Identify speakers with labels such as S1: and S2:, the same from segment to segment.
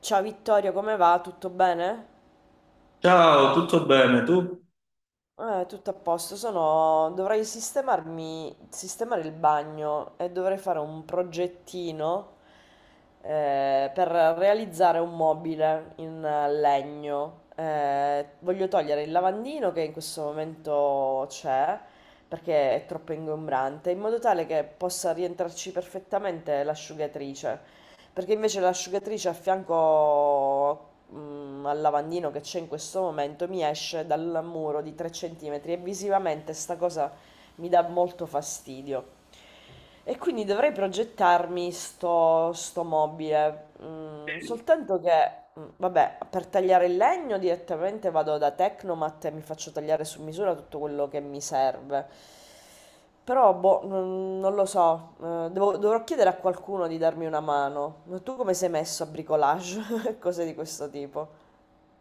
S1: Ciao Vittorio, come va? Tutto bene?
S2: Ciao, tutto bene? Tu?
S1: Tutto a posto. Sono... Dovrei sistemarmi, sistemare il bagno e dovrei fare un progettino per realizzare un mobile in legno. Voglio togliere il lavandino che in questo momento c'è perché è troppo ingombrante, in modo tale che possa rientrarci perfettamente l'asciugatrice. Perché invece l'asciugatrice a fianco al lavandino che c'è in questo momento mi esce dal muro di 3 centimetri e visivamente sta cosa mi dà molto fastidio. E quindi dovrei progettarmi sto mobile, vabbè, per tagliare il legno direttamente vado da Tecnomat e mi faccio tagliare su misura tutto quello che mi serve. Però, boh, non lo so, dovrò chiedere a qualcuno di darmi una mano. Ma tu come sei messo a bricolage? Cose di questo tipo?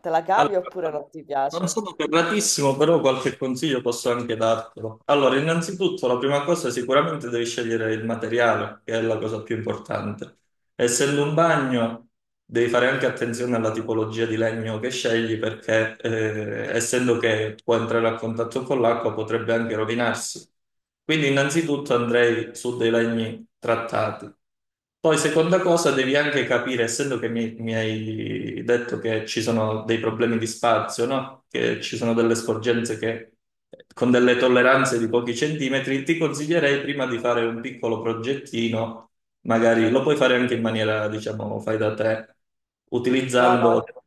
S1: Te la
S2: Allora,
S1: cavi oppure non ti
S2: non
S1: piace?
S2: sono ferratissimo, però qualche consiglio posso anche dartelo. Allora, innanzitutto, la prima cosa sicuramente devi scegliere il materiale, che è la cosa più importante. Essendo un bagno, devi fare anche attenzione alla tipologia di legno che scegli perché, essendo che può entrare a contatto con l'acqua, potrebbe anche rovinarsi. Quindi, innanzitutto andrei su dei legni trattati. Poi, seconda cosa, devi anche capire, essendo che mi hai detto che ci sono dei problemi di spazio, no? Che ci sono delle sporgenze che con delle tolleranze di pochi centimetri, ti consiglierei prima di fare un piccolo progettino. Magari lo puoi fare anche in maniera, diciamo, fai da te,
S1: No, no,
S2: utilizzando delle
S1: io...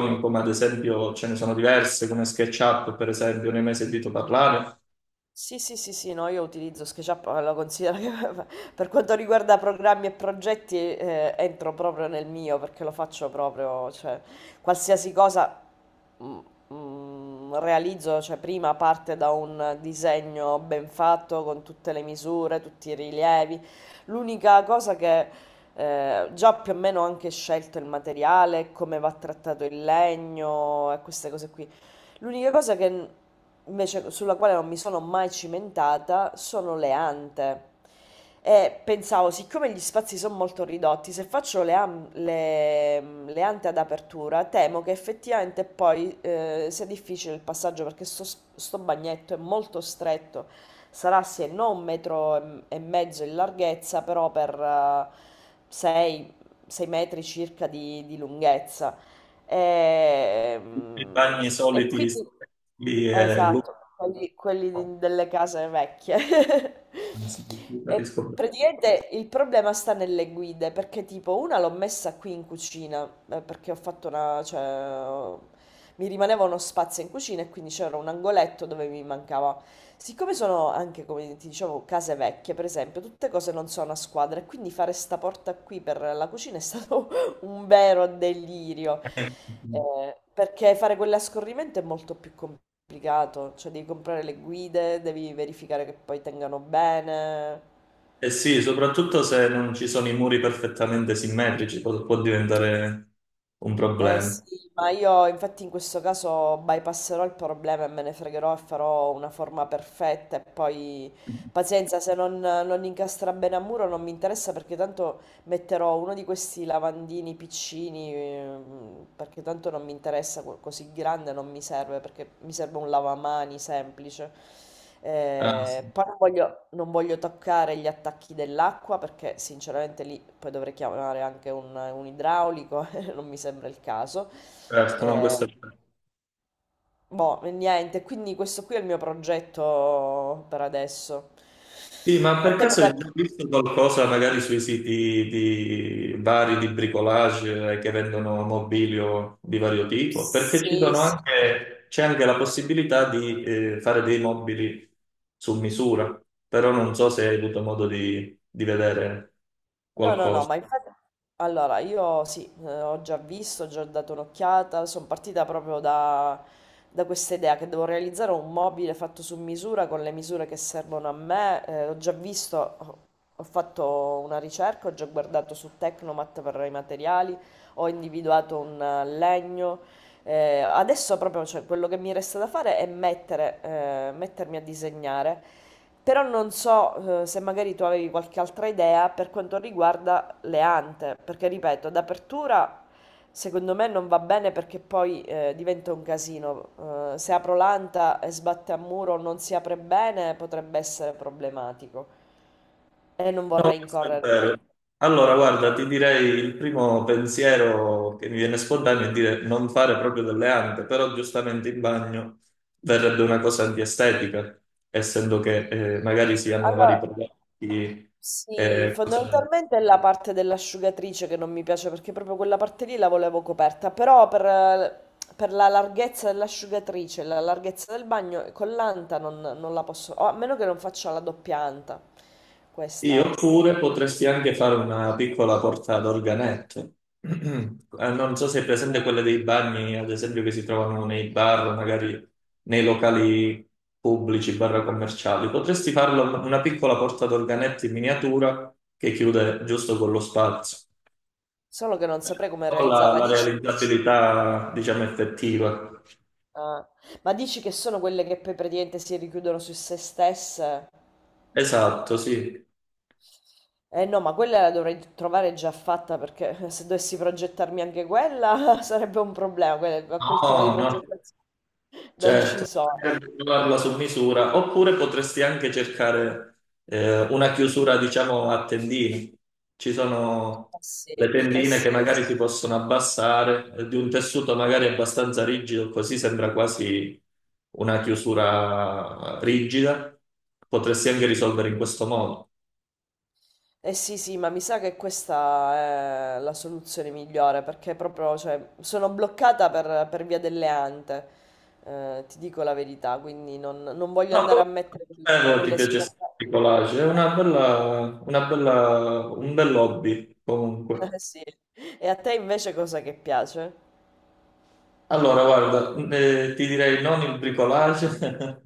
S1: no.
S2: come ad esempio ce ne sono diverse, come SketchUp, per esempio, ne hai mai sentito parlare?
S1: Sì, sì, sì, sì, no, io utilizzo SketchUp, ma lo considero che per quanto riguarda programmi e progetti entro proprio nel mio perché lo faccio proprio, cioè qualsiasi cosa mm, realizzo, cioè prima parte da un disegno ben fatto con tutte le misure, tutti i rilievi. L'unica cosa che già più o meno ho anche scelto il materiale, come va trattato il legno e queste cose qui. L'unica cosa che n- Invece sulla quale non mi sono mai cimentata sono le ante. E pensavo, siccome gli spazi sono molto ridotti, se faccio le ante ad apertura, temo che effettivamente poi sia difficile il passaggio perché sto bagnetto è molto stretto, sarà se non un metro e mezzo in larghezza, però per 6 metri circa di lunghezza.
S2: Tutti i bagni
S1: Ehm, e
S2: soliti
S1: quindi
S2: lì è
S1: esatto,
S2: lungo,
S1: quelli, delle case vecchie.
S2: anzi, non
S1: E
S2: capisco
S1: praticamente il problema sta nelle guide, perché tipo una l'ho messa qui in cucina, perché ho fatto una, ho- mi rimaneva uno spazio in cucina e quindi c'era un angoletto dove mi mancava. Siccome sono anche, come ti dicevo, case vecchie, per esempio, tutte cose non sono a squadra, e quindi fare sta porta qui per la cucina è stato un vero delirio.
S2: bene.
S1: Perché fare quell'ascorrimento è molto più complicato, cioè devi comprare le guide, devi verificare che poi tengano bene.
S2: Eh sì, soprattutto se non ci sono i muri perfettamente simmetrici, può diventare un
S1: Eh
S2: problema.
S1: sì, ma io infatti in questo caso bypasserò il problema e me ne fregherò e farò una forma perfetta e poi pazienza, se non incastra bene a muro non mi interessa perché tanto metterò uno di questi lavandini piccini perché tanto non mi interessa così grande, non mi serve perché mi serve un lavamani semplice.
S2: Ah, sì.
S1: Poi non voglio toccare gli attacchi dell'acqua perché sinceramente lì poi dovrei chiamare anche un idraulico. Non mi sembra il caso.
S2: Certo, no,
S1: Eh,
S2: questo è...
S1: Boh, e niente, quindi questo qui è il mio progetto per adesso.
S2: Sì, ma
S1: A
S2: per
S1: te
S2: caso
S1: cosa...
S2: hai già visto qualcosa magari sui siti di vari di bricolage, che vendono mobilio di vario tipo? Perché ci
S1: Sì,
S2: sono
S1: sì.
S2: anche, c'è anche la possibilità di fare dei mobili su misura, però non so se hai avuto modo di vedere.
S1: No, no, no, ma infatti, allora io sì, ho già visto, ho già dato un'occhiata, sono partita proprio da, da questa idea che devo realizzare un mobile fatto su misura con le misure che servono a me, ho già visto, ho fatto una ricerca, ho già guardato su Tecnomat per i materiali, ho individuato un legno, adesso proprio cioè, quello che mi resta da fare è mettere, mettermi a disegnare. Però non so, se magari tu avevi qualche altra idea per quanto riguarda le ante, perché ripeto, d'apertura secondo me non va bene perché poi diventa un casino. Se apro l'anta e sbatte a muro non si apre bene, potrebbe essere problematico e non
S2: No,
S1: vorrei
S2: questo è vero. Allora, guarda, ti direi il primo pensiero che mi viene spontaneo è dire non fare proprio delle ante, però giustamente in bagno verrebbe una cosa di estetica, essendo che magari si hanno
S1: Allora,
S2: vari prodotti.
S1: sì,
S2: eh, cose-
S1: fondamentalmente è la parte dell'asciugatrice che non mi piace perché proprio quella parte lì la volevo coperta, però per la larghezza dell'asciugatrice, la larghezza del bagno, con l'anta non la posso, o a meno che non faccia la doppia anta, questa
S2: Io
S1: è.
S2: oppure potresti anche fare una piccola porta ad organetto. Non so se è presente quelle dei bagni, ad esempio, che si trovano nei bar, magari nei locali pubblici, bar commerciali. Potresti farlo una piccola porta ad organetto in miniatura che chiude giusto con lo spazio.
S1: Solo che non saprei come
S2: Non so La,
S1: realizzarla.
S2: la
S1: Dici,
S2: realizzabilità, diciamo, effettiva.
S1: ah, ma dici che sono quelle che poi praticamente si richiudono su se stesse?
S2: Esatto, sì.
S1: Eh no, ma quella la dovrei trovare già fatta perché se dovessi progettarmi anche quella sarebbe un problema, quel tipo di
S2: No, no.
S1: progettazione. Non ci
S2: Certo,
S1: sono.
S2: bisognerebbe trovarla su misura, oppure potresti anche cercare una chiusura, diciamo, a tendine. Ci sono
S1: Eh sì,
S2: le
S1: eh
S2: tendine
S1: sì.
S2: che magari si possono abbassare, di un tessuto magari abbastanza rigido, così sembra quasi una chiusura rigida. Potresti anche risolvere in questo modo.
S1: Eh sì, sì, ma mi sa che questa è la soluzione migliore perché proprio, cioè, sono bloccata per via delle ante, ti dico la verità, quindi non voglio
S2: No,
S1: andare a mettere
S2: comunque, ti
S1: quelle
S2: piace
S1: scorte.
S2: il collage, è una bella, un bel hobby comunque.
S1: Sì. E a te invece cosa che piace?
S2: Allora, guarda, ti direi non il bricolage,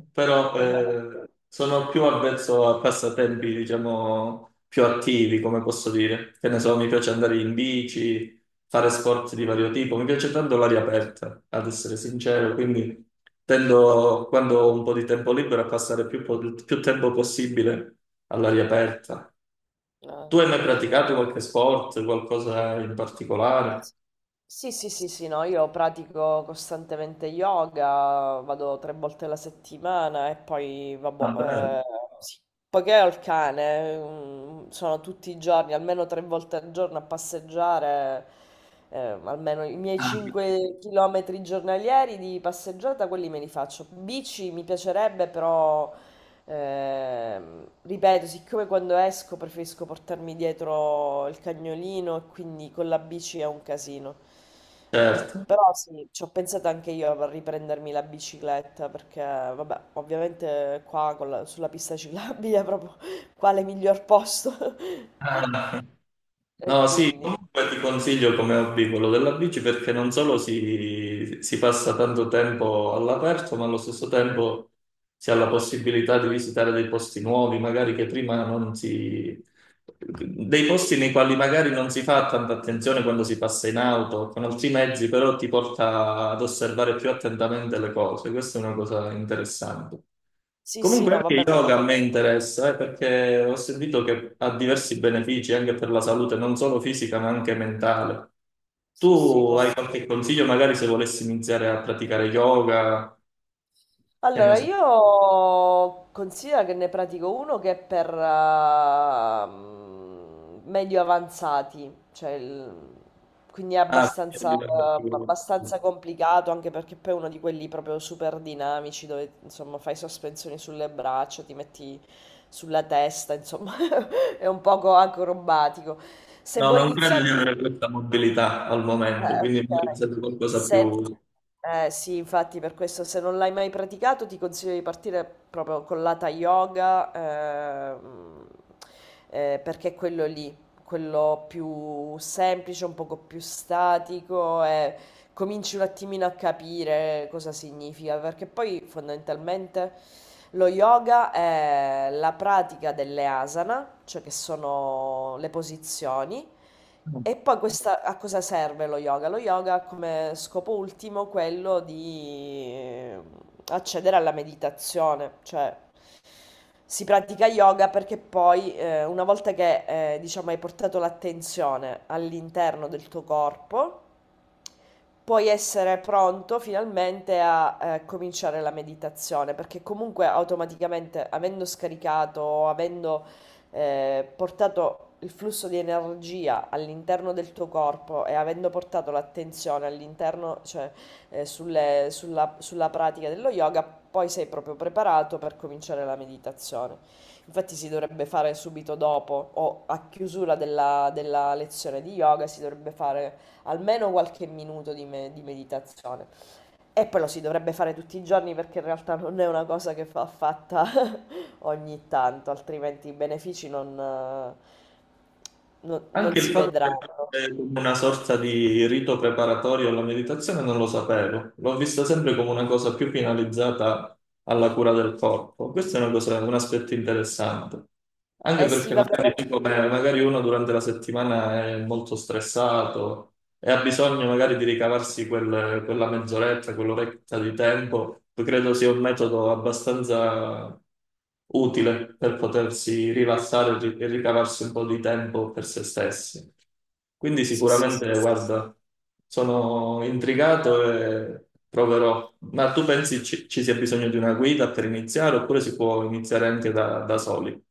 S2: però sono più avvezzo a passatempi, diciamo, più attivi, come posso dire. Che ne so, mi piace andare in bici, fare sport di vario tipo, mi piace tanto l'aria aperta, ad essere sincero, quindi tendo, quando ho un po' di tempo libero, a passare più tempo possibile all'aria aperta.
S1: Ah.
S2: Tu hai mai praticato qualche sport, qualcosa in particolare?
S1: S- Sì, sì, sì, sì, no, io pratico costantemente yoga, vado tre volte alla settimana e poi,
S2: Vabbè.
S1: vabbè, sì. Poiché ho il cane, mm, sono tutti i giorni, almeno tre volte al giorno a passeggiare, eh, almeno i miei
S2: Ah,
S1: 5 km giornalieri di passeggiata, quelli me li faccio. Bici mi piacerebbe, però ripeto, siccome quando esco preferisco portarmi dietro il cagnolino e quindi con la bici è un casino.
S2: certo.
S1: Però sì, ci ho pensato anche io a riprendermi la bicicletta perché, vabbè, ovviamente qua sulla pista ciclabile è proprio quale miglior posto.
S2: Ah,
S1: E
S2: no, sì,
S1: quindi,
S2: comunque ti consiglio come hobby quello della bici perché non solo si passa tanto tempo all'aperto, ma allo stesso tempo si ha la possibilità di visitare dei posti nuovi, magari che prima non si, dei posti nei quali magari non si fa tanta attenzione quando si passa in auto o con altri mezzi, però ti porta ad osservare più attentamente le cose. Questa è una cosa interessante.
S1: sì, sì,
S2: Comunque
S1: no,
S2: anche
S1: vabbè, ma
S2: yoga a me interessa, perché ho sentito che ha diversi benefici anche per la salute, non solo fisica ma anche mentale.
S1: sì, sì,
S2: Tu hai
S1: come no.
S2: qualche consiglio magari se volessi iniziare a praticare yoga? Che ne
S1: Allora,
S2: so.
S1: io considero che ne pratico uno che è per medio avanzati, quindi è
S2: Ah, quindi
S1: abbastanza,
S2: a livello più-
S1: abbastanza complicato, anche perché poi è uno di quelli proprio super dinamici dove insomma fai sospensioni sulle braccia, ti metti sulla testa, insomma è un poco acrobatico. Se
S2: No,
S1: vuoi
S2: non credo di
S1: iniziare...
S2: avere questa mobilità al
S1: Eh,
S2: momento, quindi mi
S1: okay.
S2: serve qualcosa più...
S1: Se eh sì, Infatti per questo se non l'hai mai praticato ti consiglio di partire proprio con l'Hatha Yoga, ehm, perché è quello lì, quello più semplice, un poco più statico e cominci un attimino a capire cosa significa, perché poi fondamentalmente lo yoga è la pratica delle asana, cioè che sono le posizioni e poi questa, a cosa serve lo yoga? Lo yoga ha come scopo ultimo quello di accedere alla meditazione, cioè si pratica yoga perché poi una volta che diciamo, hai portato l'attenzione all'interno del tuo corpo, puoi essere pronto finalmente a cominciare la meditazione, perché comunque automaticamente, avendo scaricato, avendo portato il flusso di energia all'interno del tuo corpo e avendo portato l'attenzione all'interno, cioè sulla pratica dello yoga, poi sei proprio preparato per cominciare la meditazione. Infatti si dovrebbe fare subito dopo o a chiusura della lezione di yoga si dovrebbe fare almeno qualche minuto di meditazione. E poi lo si dovrebbe fare tutti i giorni perché in realtà non è una cosa che va fatta ogni tanto, altrimenti i benefici non, non
S2: Anche il
S1: si
S2: fatto che
S1: vedranno.
S2: fosse come una sorta di rito preparatorio alla meditazione non lo sapevo, l'ho vista sempre come una cosa più finalizzata alla cura del corpo. Questo è una cosa- Un aspetto interessante, anche
S1: Eh sì,
S2: perché
S1: vabbè.
S2: magari, magari uno durante la settimana è molto stressato, e ha bisogno magari di ricavarsi quella mezz'oretta, quell'oretta di tempo, credo sia un metodo abbastanza utile per potersi rilassare e e ricavarsi un po' di tempo per se stessi. Quindi
S1: Sì, sì, sì.
S2: sicuramente, guarda, sono intrigato e proverò. Ma tu pensi ci sia bisogno di una guida per iniziare oppure si può iniziare anche da soli?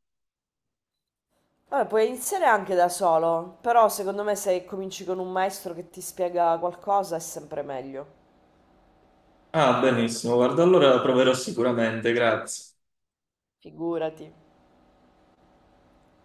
S1: Vabbè, puoi iniziare anche da solo, però secondo me se cominci con un maestro che ti spiega qualcosa è sempre meglio.
S2: Ah, benissimo, guarda, allora proverò sicuramente, grazie.
S1: Figurati.